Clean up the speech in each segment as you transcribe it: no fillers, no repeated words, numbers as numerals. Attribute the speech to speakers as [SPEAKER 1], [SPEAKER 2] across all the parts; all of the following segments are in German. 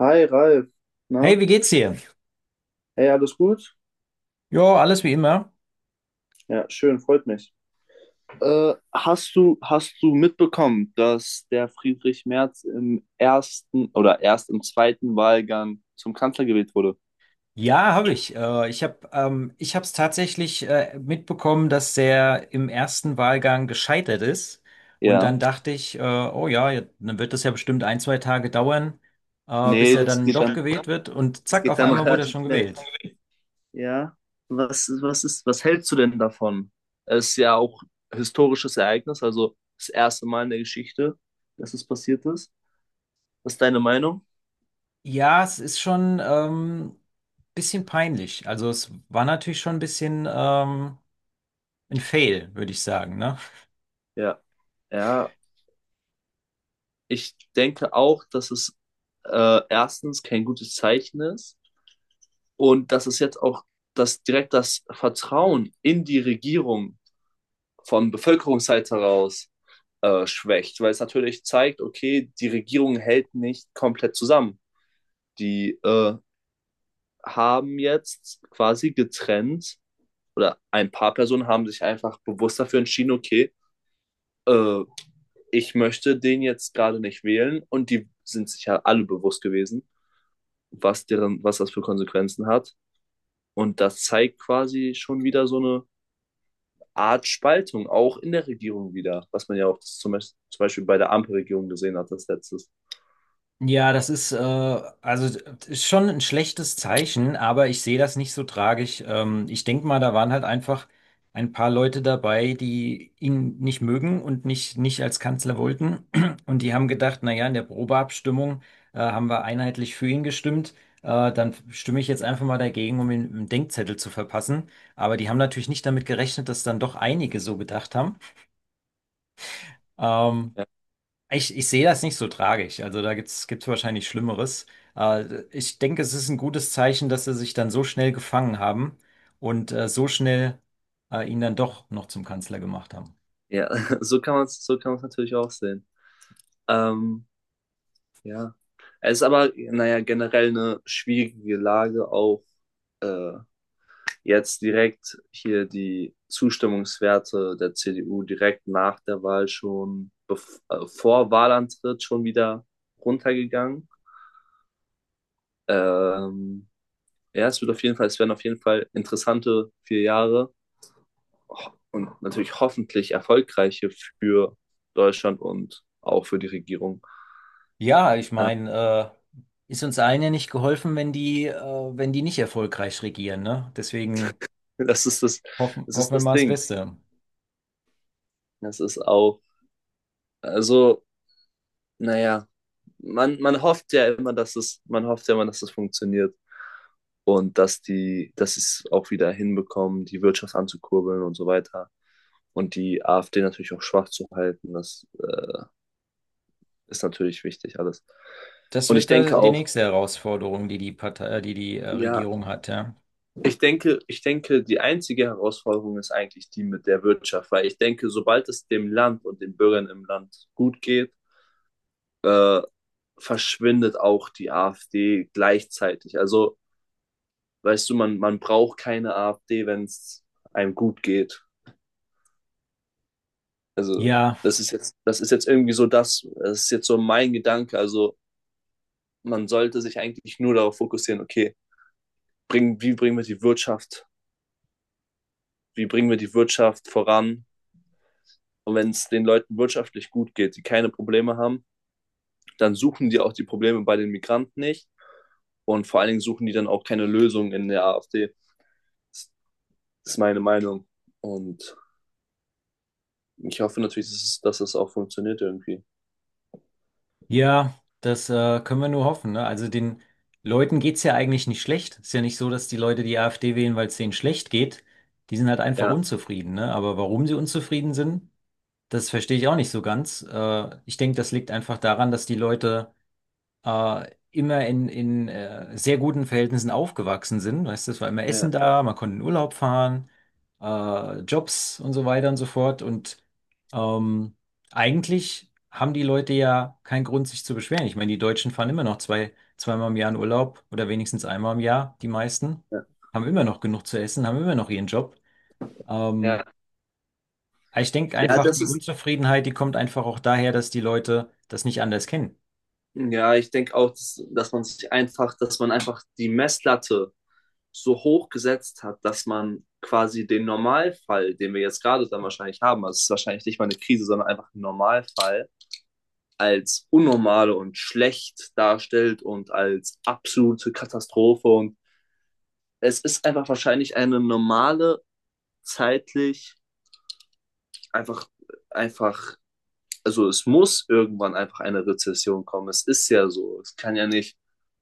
[SPEAKER 1] Hi Ralf, na?
[SPEAKER 2] Hey, wie geht's dir?
[SPEAKER 1] Hey, alles gut?
[SPEAKER 2] Ja, alles wie immer.
[SPEAKER 1] Ja, schön, freut mich. Hast du mitbekommen, dass der Friedrich Merz im ersten oder erst im zweiten Wahlgang zum Kanzler gewählt wurde?
[SPEAKER 2] Ja, habe ich. Ich habe es tatsächlich mitbekommen, dass der im ersten Wahlgang gescheitert ist. Und
[SPEAKER 1] Ja.
[SPEAKER 2] dann dachte ich, oh ja, ja, dann wird das ja bestimmt ein, zwei Tage dauern, bis
[SPEAKER 1] Nee,
[SPEAKER 2] er dann doch gewählt wird. Und
[SPEAKER 1] das
[SPEAKER 2] zack,
[SPEAKER 1] geht
[SPEAKER 2] auf
[SPEAKER 1] dann
[SPEAKER 2] einmal wurde er
[SPEAKER 1] relativ
[SPEAKER 2] schon
[SPEAKER 1] schnell.
[SPEAKER 2] gewählt.
[SPEAKER 1] Ja. Was hältst du denn davon? Es ist ja auch historisches Ereignis, also das erste Mal in der Geschichte, dass es passiert ist. Was ist deine Meinung?
[SPEAKER 2] Ja, es ist schon bisschen peinlich. Also es war natürlich schon ein bisschen ein Fail, würde ich sagen, ne?
[SPEAKER 1] Ja. Ja, ich denke auch, dass es erstens kein gutes Zeichen ist und dass es jetzt auch das direkt das Vertrauen in die Regierung von Bevölkerungsseite heraus schwächt, weil es natürlich zeigt, okay, die Regierung hält nicht komplett zusammen. Die haben jetzt quasi getrennt oder ein paar Personen haben sich einfach bewusst dafür entschieden, okay, äh, ich möchte den jetzt gerade nicht wählen, und die sind sich ja alle bewusst gewesen, was deren, was das für Konsequenzen hat. Und das zeigt quasi schon wieder so eine Art Spaltung, auch in der Regierung wieder, was man ja auch zum Beispiel bei der Ampelregierung gesehen hat, das letztes.
[SPEAKER 2] Ja, das ist, äh, also ist schon ein schlechtes Zeichen, aber ich sehe das nicht so tragisch. Ich denke mal, da waren halt einfach ein paar Leute dabei, die ihn nicht mögen und nicht als Kanzler wollten. Und die haben gedacht, na ja, in der Probeabstimmung, haben wir einheitlich für ihn gestimmt. Dann stimme ich jetzt einfach mal dagegen, um ihm einen Denkzettel zu verpassen. Aber die haben natürlich nicht damit gerechnet, dass dann doch einige so gedacht haben. Ähm,
[SPEAKER 1] Ja.
[SPEAKER 2] ich, ich sehe das nicht so tragisch. Also da gibt's wahrscheinlich Schlimmeres. Ich denke, es ist ein gutes Zeichen, dass sie sich dann so schnell gefangen haben und so schnell ihn dann doch noch zum Kanzler gemacht haben.
[SPEAKER 1] Ja, so kann man es natürlich auch sehen. Ähm, ja. Es ist aber, naja, generell eine schwierige Lage, auch äh, jetzt direkt hier die Zustimmungswerte der CDU direkt nach der Wahl schon, vor Wahlantritt schon wieder runtergegangen. Ähm, ja, es werden auf jeden Fall interessante 4 Jahre und natürlich hoffentlich erfolgreiche für Deutschland und auch für die Regierung.
[SPEAKER 2] Ja, ich meine, äh, ist uns allen ja nicht geholfen, wenn wenn die nicht erfolgreich regieren, ne? Deswegen
[SPEAKER 1] Das ist das, Das
[SPEAKER 2] hoffen
[SPEAKER 1] ist
[SPEAKER 2] wir
[SPEAKER 1] das
[SPEAKER 2] mal das
[SPEAKER 1] Ding.
[SPEAKER 2] Beste.
[SPEAKER 1] Das ist auch, also, naja, man hofft ja immer, dass es, man hofft ja immer, dass es funktioniert und dass die, dass sie es auch wieder hinbekommen, die Wirtschaft anzukurbeln und so weiter. Und die AfD natürlich auch schwach zu halten. Das ist natürlich wichtig alles.
[SPEAKER 2] Das
[SPEAKER 1] Und ich
[SPEAKER 2] wird da
[SPEAKER 1] denke
[SPEAKER 2] die
[SPEAKER 1] auch,
[SPEAKER 2] nächste Herausforderung, die die
[SPEAKER 1] ja,
[SPEAKER 2] Regierung hat, ja.
[SPEAKER 1] ich denke, die einzige Herausforderung ist eigentlich die mit der Wirtschaft, weil ich denke, sobald es dem Land und den Bürgern im Land gut geht, äh, verschwindet auch die AfD gleichzeitig. Also, weißt du, man braucht keine AfD, wenn es einem gut geht. Also,
[SPEAKER 2] Ja.
[SPEAKER 1] das ist jetzt irgendwie das ist jetzt so mein Gedanke. Also, man sollte sich eigentlich nur darauf fokussieren, okay, bring, wie bringen wir die Wirtschaft wie bringen wir die Wirtschaft voran. Und wenn es den Leuten wirtschaftlich gut geht, die keine Probleme haben, dann suchen die auch die Probleme bei den Migranten nicht. Und vor allen Dingen suchen die dann auch keine Lösung in der AfD. Das ist meine Meinung. Und ich hoffe natürlich, dass es auch funktioniert irgendwie.
[SPEAKER 2] Ja, das können wir nur hoffen, ne? Also den Leuten geht's ja eigentlich nicht schlecht. Ist ja nicht so, dass die Leute die AfD wählen, weil es denen schlecht geht. Die sind halt einfach
[SPEAKER 1] Ja,
[SPEAKER 2] unzufrieden, ne? Aber warum sie unzufrieden sind, das verstehe ich auch nicht so ganz. Ich denke, das liegt einfach daran, dass die Leute immer in sehr guten Verhältnissen aufgewachsen sind. Weißt du, es war immer Essen
[SPEAKER 1] ja,
[SPEAKER 2] da, man konnte in Urlaub fahren, Jobs und so weiter und so fort. Und ähm, eigentlich haben die Leute ja keinen Grund, sich zu beschweren. Ich meine, die Deutschen fahren immer noch zwei, zweimal im Jahr in Urlaub oder wenigstens einmal im Jahr, die meisten,
[SPEAKER 1] ja.
[SPEAKER 2] haben immer noch genug zu essen, haben immer noch ihren Job.
[SPEAKER 1] Ja,
[SPEAKER 2] Ähm, aber ich denke
[SPEAKER 1] ja,
[SPEAKER 2] einfach, die Unzufriedenheit, die kommt einfach auch daher, dass die Leute das nicht anders kennen.
[SPEAKER 1] ja, ich denke auch, dass man sich einfach, dass man einfach die Messlatte so hoch gesetzt hat, dass man quasi den Normalfall, den wir jetzt gerade dann wahrscheinlich haben, also es ist wahrscheinlich nicht mal eine Krise, sondern einfach ein Normalfall, als unnormale und schlecht darstellt und als absolute Katastrophe. Und es ist einfach wahrscheinlich eine normale, zeitlich einfach, einfach, also es muss irgendwann einfach eine Rezession kommen. Es ist ja so. Es kann ja nicht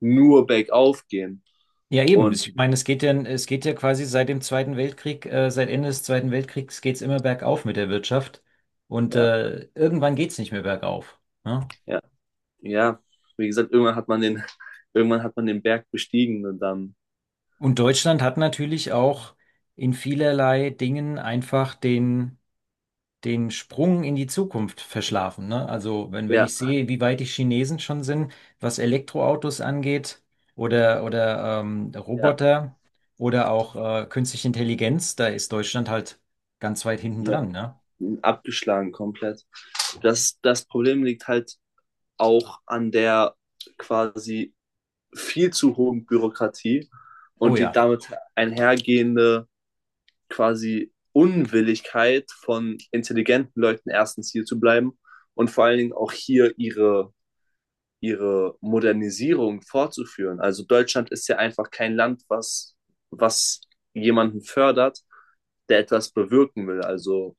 [SPEAKER 1] nur bergauf gehen.
[SPEAKER 2] Ja, eben.
[SPEAKER 1] Und
[SPEAKER 2] Ich meine, es geht ja quasi seit dem Zweiten Weltkrieg, seit Ende des Zweiten Weltkriegs geht's immer bergauf mit der Wirtschaft. Und
[SPEAKER 1] ja,
[SPEAKER 2] irgendwann geht's nicht mehr bergauf. Ne?
[SPEAKER 1] ja. Ja, wie gesagt, irgendwann hat man den, irgendwann hat man den Berg bestiegen und dann,
[SPEAKER 2] Und Deutschland hat natürlich auch in vielerlei Dingen einfach den Sprung in die Zukunft verschlafen. Ne? Also wenn
[SPEAKER 1] ja,
[SPEAKER 2] ich sehe, wie weit die Chinesen schon sind, was Elektroautos angeht oder
[SPEAKER 1] ja,
[SPEAKER 2] Roboter oder auch künstliche Intelligenz, da ist Deutschland halt ganz weit hinten
[SPEAKER 1] ja,
[SPEAKER 2] dran, ne?
[SPEAKER 1] abgeschlagen komplett. Das Problem liegt halt auch an der quasi viel zu hohen Bürokratie
[SPEAKER 2] Oh
[SPEAKER 1] und die
[SPEAKER 2] ja,
[SPEAKER 1] damit einhergehende quasi Unwilligkeit von intelligenten Leuten erstens hier zu bleiben und vor allen Dingen auch hier ihre Modernisierung fortzuführen. Also Deutschland ist ja einfach kein Land, was jemanden fördert, der etwas bewirken will. Also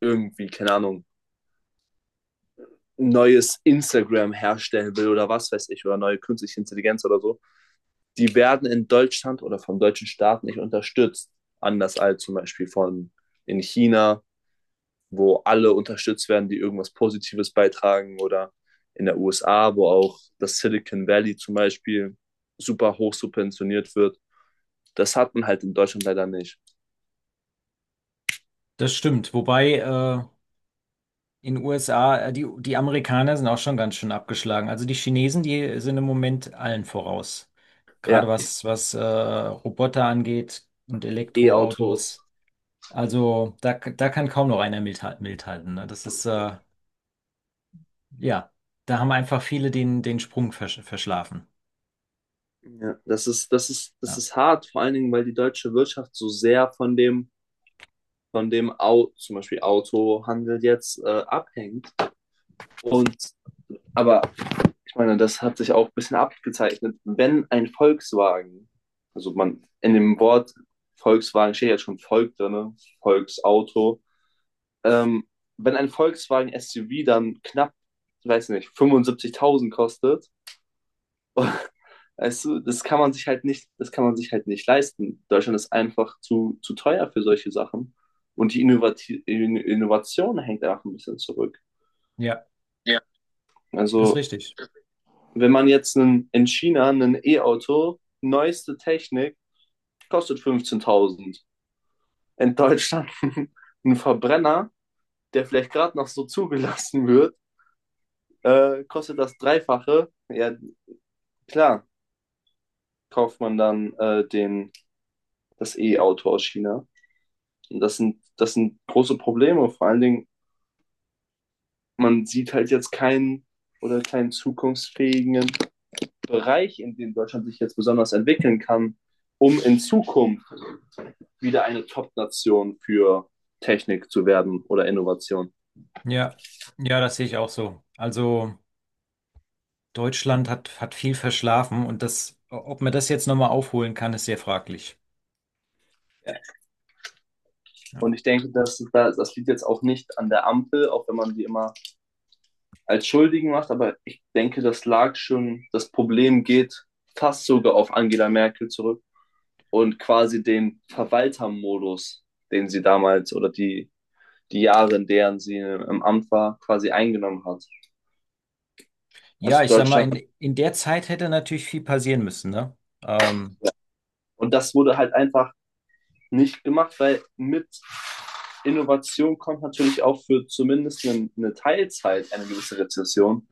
[SPEAKER 1] irgendwie, keine Ahnung, neues Instagram herstellen will oder was weiß ich, oder neue künstliche Intelligenz oder so. Die werden in Deutschland oder vom deutschen Staat nicht unterstützt. Anders als zum Beispiel von in China, wo alle unterstützt werden, die irgendwas Positives beitragen, oder in der USA, wo auch das Silicon Valley zum Beispiel super hoch subventioniert wird. Das hat man halt in Deutschland leider nicht.
[SPEAKER 2] das stimmt. Wobei in den USA, die Amerikaner sind auch schon ganz schön abgeschlagen. Also die Chinesen, die sind im Moment allen voraus. Gerade
[SPEAKER 1] Ja,
[SPEAKER 2] was Roboter angeht und
[SPEAKER 1] E-Autos.
[SPEAKER 2] Elektroautos. Also da kann kaum noch einer mithalten. Mithalten, ne? Ja, da haben einfach viele den Sprung verschlafen.
[SPEAKER 1] Ja, das
[SPEAKER 2] Ja.
[SPEAKER 1] ist hart, vor allen Dingen, weil die deutsche Wirtschaft so sehr von dem, Au zum Beispiel Autohandel jetzt abhängt. Und aber, ich meine, das hat sich auch ein bisschen abgezeichnet. Wenn ein Volkswagen, also man in dem Wort Volkswagen steht ja schon Volk drin, ne? Volksauto, ähm, wenn ein Volkswagen SUV dann knapp, ich weiß nicht, 75.000 kostet, weißt du, das kann man sich halt nicht leisten. Deutschland ist einfach zu teuer für solche Sachen. Und die Innovation hängt einfach ein bisschen zurück.
[SPEAKER 2] Ja,
[SPEAKER 1] Ja.
[SPEAKER 2] das ist
[SPEAKER 1] Also
[SPEAKER 2] richtig.
[SPEAKER 1] wenn man jetzt in China ein E-Auto, neueste Technik, kostet 15.000. In Deutschland ein Verbrenner, der vielleicht gerade noch so zugelassen wird, kostet das Dreifache. Ja, klar, kauft man dann das E-Auto aus China. Und das sind große Probleme. Vor allen Dingen, man sieht halt jetzt keinen zukunftsfähigen Bereich, in dem Deutschland sich jetzt besonders entwickeln kann, um in Zukunft wieder eine Top-Nation für Technik zu werden oder Innovation.
[SPEAKER 2] Ja, ja, das sehe ich auch so. Also. Deutschland hat, hat viel verschlafen und das, ob man das jetzt nochmal aufholen kann, ist sehr fraglich.
[SPEAKER 1] Ja.
[SPEAKER 2] Ja,
[SPEAKER 1] Und ich denke, das liegt jetzt auch nicht an der Ampel, auch wenn man die immer als Schuldigen macht, aber ich denke, das lag schon, das Problem geht fast sogar auf Angela Merkel zurück und quasi den Verwaltermodus, den sie damals oder die Jahre, in deren sie im Amt war, quasi eingenommen hat.
[SPEAKER 2] ja
[SPEAKER 1] Also
[SPEAKER 2] ich sag mal,
[SPEAKER 1] Deutschland.
[SPEAKER 2] in der Zeit hätte natürlich viel passieren müssen, ne? Ähm,
[SPEAKER 1] Und das wurde halt einfach nicht gemacht, weil mit Innovation kommt natürlich auch für zumindest eine Teilzeit eine gewisse Rezession,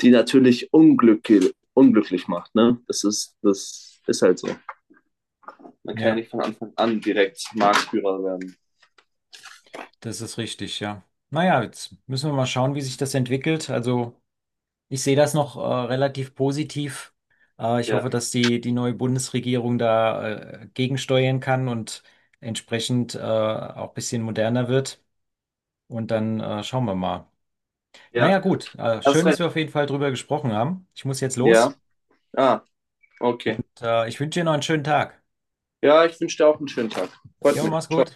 [SPEAKER 1] die natürlich unglücklich, unglücklich macht. Ne? Das ist halt so. Man kann ja
[SPEAKER 2] ja,
[SPEAKER 1] nicht von Anfang an direkt Marktführer werden.
[SPEAKER 2] das ist richtig, ja. Naja, jetzt müssen wir mal schauen, wie sich das entwickelt. Also, ich sehe das noch relativ positiv. Ich
[SPEAKER 1] Ja,
[SPEAKER 2] hoffe, dass die neue Bundesregierung da gegensteuern kann und entsprechend auch ein bisschen moderner wird. Und dann schauen wir mal. Naja,
[SPEAKER 1] ja,
[SPEAKER 2] gut.
[SPEAKER 1] hast
[SPEAKER 2] Schön, dass
[SPEAKER 1] recht.
[SPEAKER 2] wir auf jeden Fall drüber gesprochen haben. Ich muss jetzt los
[SPEAKER 1] Ja, ah, okay.
[SPEAKER 2] und ich wünsche dir noch einen schönen Tag.
[SPEAKER 1] Ja, ich wünsche dir auch einen schönen Tag. Freut
[SPEAKER 2] Jo,
[SPEAKER 1] mich.
[SPEAKER 2] mach's
[SPEAKER 1] Ciao.
[SPEAKER 2] gut.